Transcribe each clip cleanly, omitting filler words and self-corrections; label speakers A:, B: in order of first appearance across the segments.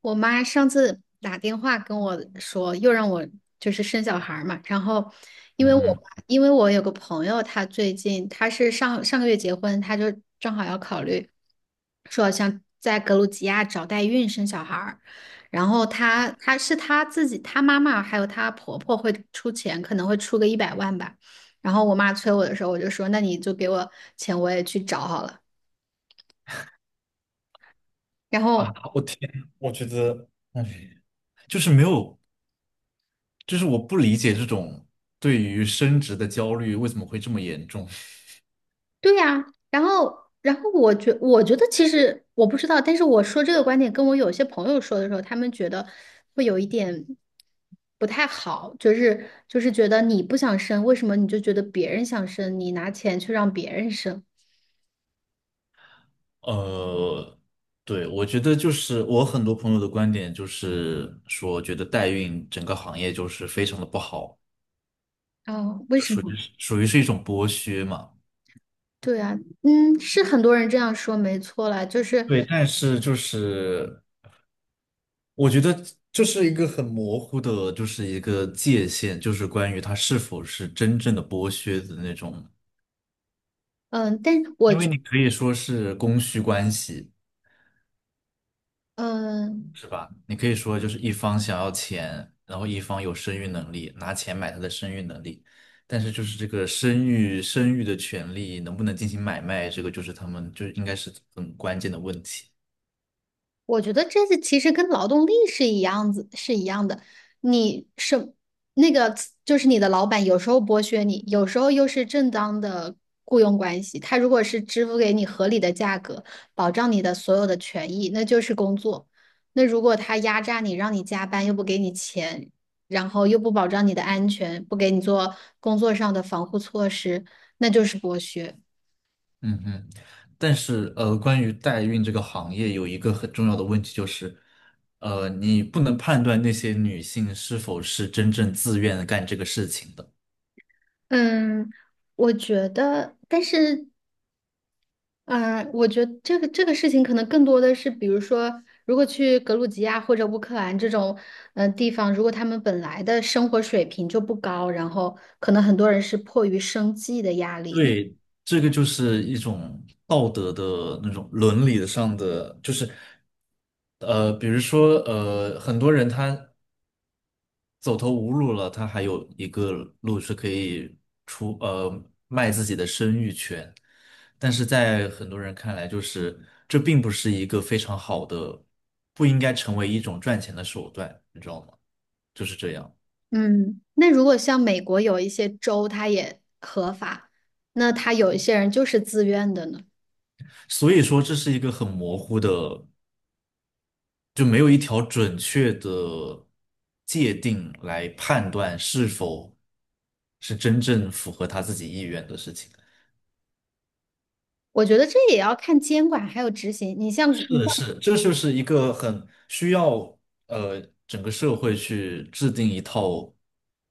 A: 我妈上次打电话跟我说，又让我就是生小孩儿嘛。然后，
B: 嗯哼。
A: 因为我有个朋友，她最近她是上上个月结婚，她就正好要考虑说想在格鲁吉亚找代孕生小孩儿。然后她是她自己，她妈妈还有她婆婆会出钱，可能会出个100万吧。然后我妈催我的时候，我就说那你就给我钱，我也去找好了。然
B: 啊！
A: 后。
B: 我天，我觉得，就是没有，就是我不理解这种对于升职的焦虑为什么会这么严重。
A: 对呀，然后，我觉得其实我不知道，但是我说这个观点跟我有些朋友说的时候，他们觉得会有一点不太好，就是觉得你不想生，为什么你就觉得别人想生，你拿钱去让别人生？
B: 呃，对，我觉得就是我很多朋友的观点就是说，觉得代孕整个行业就是非常的不好，
A: 哦，为
B: 就
A: 什
B: 属于
A: 么？
B: 属于是一种剥削嘛。
A: 对啊。嗯，是很多人这样说，没错啦，就是，
B: 对，但是就是我觉得这是一个很模糊的，就是一个界限，就是关于它是否是真正的剥削的那种。
A: 嗯，但是
B: 因为你可以说是供需关系，
A: 嗯、
B: 是吧？你可以说就是一方想要钱，然后一方有生育能力，拿钱买他的生育能力，但是就是这个生育的权利能不能进行买卖，这个就是他们就应该是很关键的问题。
A: 我觉得这是其实跟劳动力是一样子，是一样的。你是那个，就是你的老板有时候剥削你，有时候又是正当的雇佣关系。他如果是支付给你合理的价格，保障你的所有的权益，那就是工作。那如果他压榨你，让你加班又不给你钱，然后又不保障你的安全，不给你做工作上的防护措施，那就是剥削。
B: 嗯嗯。但是关于代孕这个行业有一个很重要的问题就是，你不能判断那些女性是否是真正自愿干这个事情的。
A: 嗯，我觉得，但是嗯，我觉得这个事情可能更多的是，比如说，如果去格鲁吉亚或者乌克兰这种地方，如果他们本来的生活水平就不高，然后可能很多人是迫于生计的压力。那
B: 对，这个就是一种道德的那种伦理上的，比如说很多人他走投无路了，他还有一个路是可以出呃卖自己的生育权，但是在很多人看来，就是这并不是一个非常好的，不应该成为一种赚钱的手段，你知道吗？就是这样，
A: 嗯，那如果像美国有一些州，它也合法，那他有一些人就是自愿的呢。
B: 所以说这是一个很模糊的。就没有一条准确的界定来判断是否是真正符合他自己意愿的事情。
A: 我觉得这也要看监管还有执行。你像你
B: 是
A: 像
B: 是，这就是一个很需要，呃整个社会去制定一套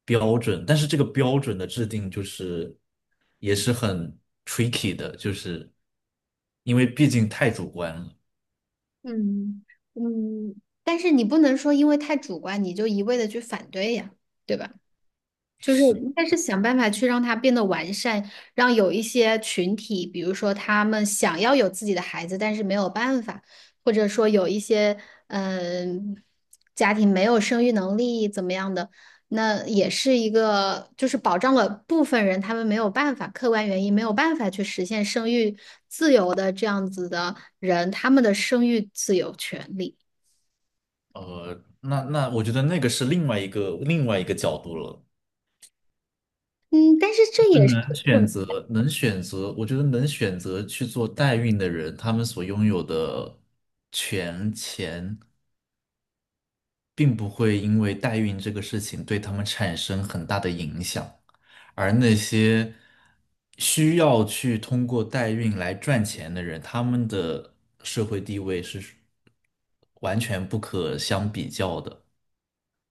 B: 标准，但是这个标准的制定就是也是很 tricky 的，就是因为毕竟太主观了。
A: 嗯嗯，但是你不能说因为太主观，你就一味的去反对呀，对吧？就是
B: 是，
A: 应该是想办法去让它变得完善，让有一些群体，比如说他们想要有自己的孩子，但是没有办法，或者说有一些嗯、家庭没有生育能力怎么样的，那也是一个就是保障了部分人他们没有办法，客观原因没有办法去实现生育自由的这样子的人，他们的生育自由权利。
B: 那我觉得那个是另外一个角度了。
A: 嗯，但是这也是。
B: 能选择，能选择，我觉得能选择去做代孕的人，他们所拥有的权钱，并不会因为代孕这个事情对他们产生很大的影响，而那些需要去通过代孕来赚钱的人，他们的社会地位是完全不可相比较的。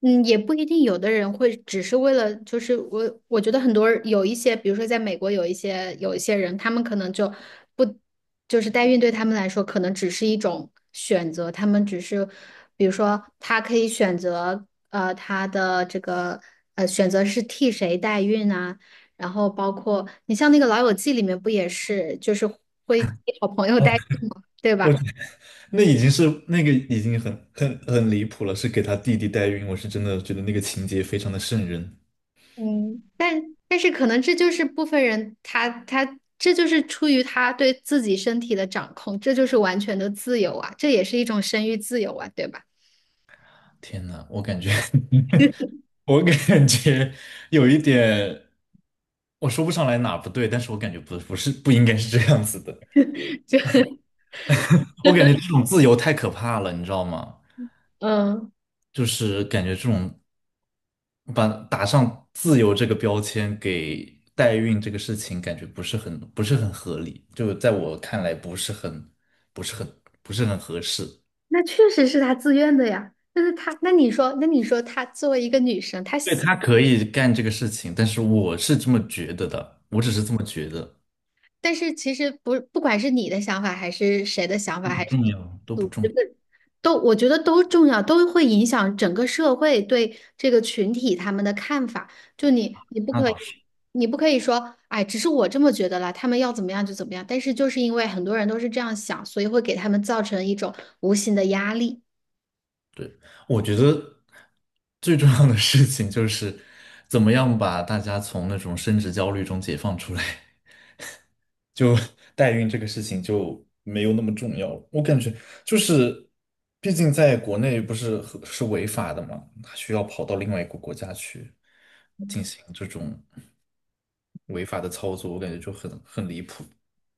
A: 嗯，也不一定，有的人会只是为了，就是我，我觉得很多人有一些，比如说在美国有一些人，他们可能就不，就是代孕对他们来说可能只是一种选择，他们只是，比如说他可以选择，他的这个选择是替谁代孕啊，然后包括你像那个《老友记》里面不也是，就是会替好朋友代孕嘛，对
B: 我。
A: 吧？
B: 那已经是那个已经很离谱了，是给他弟弟代孕，我是真的觉得那个情节非常的瘆人。
A: 嗯，但是可能这就是部分人他这就是出于他对自己身体的掌控，这就是完全的自由啊，这也是一种生育自由啊，对吧？
B: 天呐，我感觉 我感觉有一点，我说不上来哪不对，但是我感觉不是不应该是这样子的。
A: 就
B: 我感觉这种自由太可怕了，你知道吗？
A: 嗯，
B: 就是感觉这种把打上自由这个标签给代孕这个事情，感觉不是很合理，就在我看来不是很不是很合适。
A: 那确实是他自愿的呀。但是他，那你说，那你说他作为一个女生，她
B: 对，
A: 想，
B: 他可以干这个事情，但是我是这么觉得的，我只是这么觉得，
A: 但是其实不，不管是你的想法还是谁的想
B: 都
A: 法，
B: 不
A: 还是。
B: 重要，都不重要。
A: 都我觉得都重要，都会影响整个社会对这个群体他们的看法。就你，你不
B: 那
A: 可以，
B: 倒是，
A: 你不可以说，哎，只是我这么觉得啦，他们要怎么样就怎么样。但是就是因为很多人都是这样想，所以会给他们造成一种无形的压力。
B: 对，我觉得最重要的事情就是怎么样把大家从那种升职焦虑中解放出来，就代孕这个事情就没有那么重要了我感觉，就是，毕竟在国内不是和是违法的嘛，他需要跑到另外一个国家去进行这种。违法的操作，我感觉就很离谱，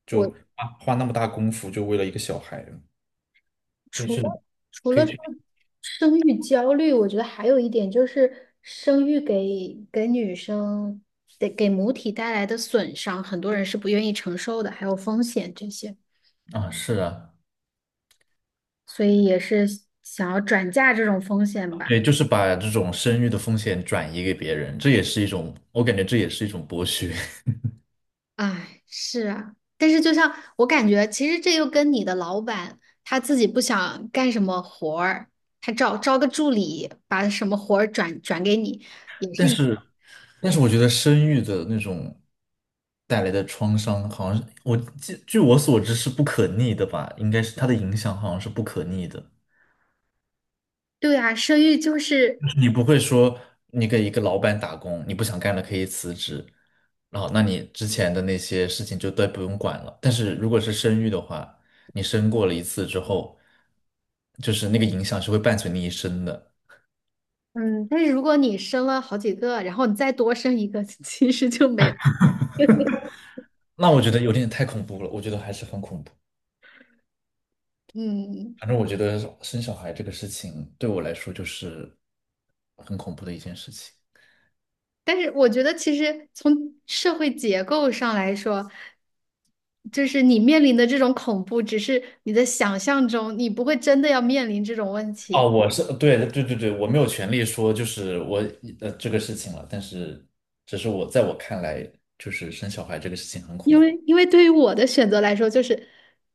B: 就
A: 我
B: 花那么大功夫就为了一个小孩可以
A: 除
B: 去，
A: 了
B: 可以
A: 说
B: 去。
A: 生育焦虑，我觉得还有一点就是生育给女生得给母体带来的损伤，很多人是不愿意承受的，还有风险这些。
B: 啊，是啊。
A: 所以也是想要转嫁这种风险吧。
B: 对，就是把这种生育的风险转移给别人，这也是一种，我感觉这也是一种剥削。
A: 哎，是啊，但是就像我感觉，其实这又跟你的老板他自己不想干什么活儿，他招个助理，把什么活儿转给你，也 是
B: 但
A: 一。
B: 是但是我觉得生育的那种带来的创伤，好像是我据我所知是不可逆的吧？应该是它的影响好像是不可逆的。
A: 对啊，生育就是，
B: 你不会说你给一个老板打工，你不想干了可以辞职，然后那你之前的那些事情就都不用管了。但是如果是生育的话，你生过了一次之后，就是那个影响是会伴随你一生的。
A: 嗯，但是如果你生了好几个，然后你再多生一个，其实就没有。
B: 那我觉得有点太恐怖了，我觉得还是很恐怖。
A: 嗯，
B: 反正我觉得生小孩这个事情对我来说就是很恐怖的一件事情。
A: 但是我觉得其实从社会结构上来说，就是你面临的这种恐怖，只是你的想象中，你不会真的要面临这种问
B: 哦，
A: 题。
B: 我是对对对对，我没有权利说就是我这个事情了，但是只是我在我看来，就是生小孩这个事情很
A: 因
B: 恐
A: 为，
B: 怖，
A: 因为对于我的选择来说，就是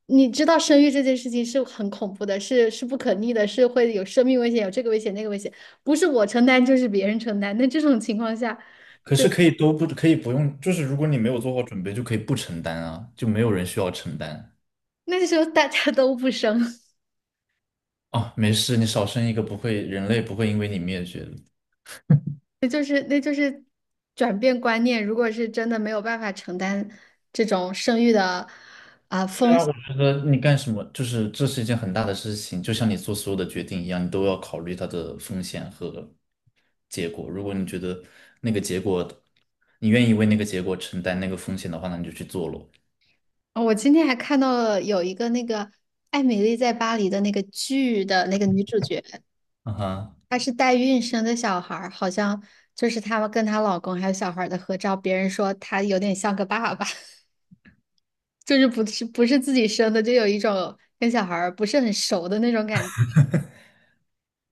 A: 你知道生育这件事情是很恐怖的，是不可逆的，是会有生命危险，有这个危险那个危险，不是我承担就是别人承担。那这种情况下，
B: 可
A: 对，
B: 是可以都不可以不用，就是如果你没有做好准备，就可以不承担啊，就没有人需要承担。
A: 那时候大家都不生，
B: 哦，没事，你少生一个不会，人类不会因为你灭绝的。
A: 那就是转变观念。如果是真的没有办法承担这种生育的。
B: 对
A: 风。
B: 啊，我觉得你干什么，就是这是一件很大的事情，就像你做所有的决定一样，你都要考虑它的风险和结果。如果你觉得那个结果，你愿意为那个结果承担那个风险的话，那你就去做咯。
A: 哦我今天还看到了有一个那个《艾米丽在巴黎》的那个剧的那个女主角，
B: 啊哈。
A: 她是代孕生的小孩儿，好像就是他们跟她老公还有小孩儿的合照，别人说她有点像个爸爸，就是不是自己生的，就有一种跟小孩儿不是很熟的那种感觉。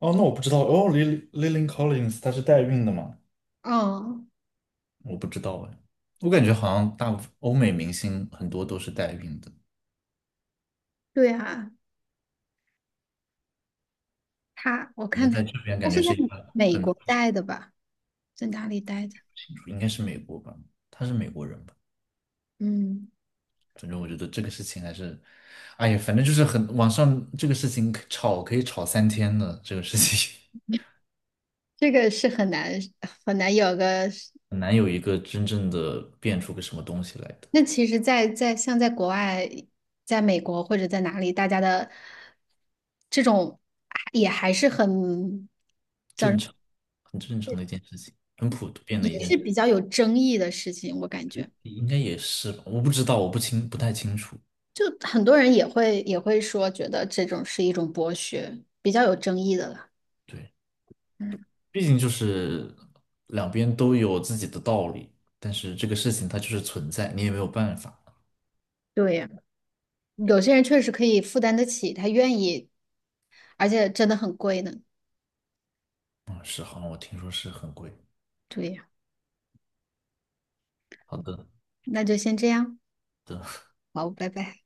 B: 哦，那我不知道，哦，Lily Collins 她是代孕的吗？
A: 嗯，
B: 我不知道哎，我感觉好像大部分欧美明星很多都是代孕的，
A: 对啊，她我看
B: 人
A: 她，
B: 在这边
A: 她
B: 感
A: 是
B: 觉
A: 在
B: 是一个
A: 美
B: 很。
A: 国待的吧，在哪里待的？
B: 应该是美国吧，她是美国人吧。
A: 嗯，
B: 反正我觉得这个事情还是，哎呀，反正就是很，网上这个事情可以吵3天的，这个事情
A: 这个是很难很难有个。
B: 很难有一个真正的变出个什么东西来的。
A: 那其实在，像在国外，在美国或者在哪里，大家的这种也还是很叫什
B: 正
A: 么，
B: 常，很正常的一件事情，很普遍的
A: 也
B: 一件
A: 是
B: 事
A: 比较有争议的事情，我感
B: 情，
A: 觉，
B: 应该也是吧，我不知道，我不清，不太清楚，
A: 就很多人也会说，觉得这种是一种剥削，比较有争议的了。
B: 对，毕竟就是两边都有自己的道理，但是这个事情它就是存在，你也没有办法。
A: 对呀，有些人确实可以负担得起，他愿意，而且真的很贵呢。
B: 嗯，是，好像我听说是很贵。
A: 对呀。
B: 好的。
A: 那就先这样，好，拜拜。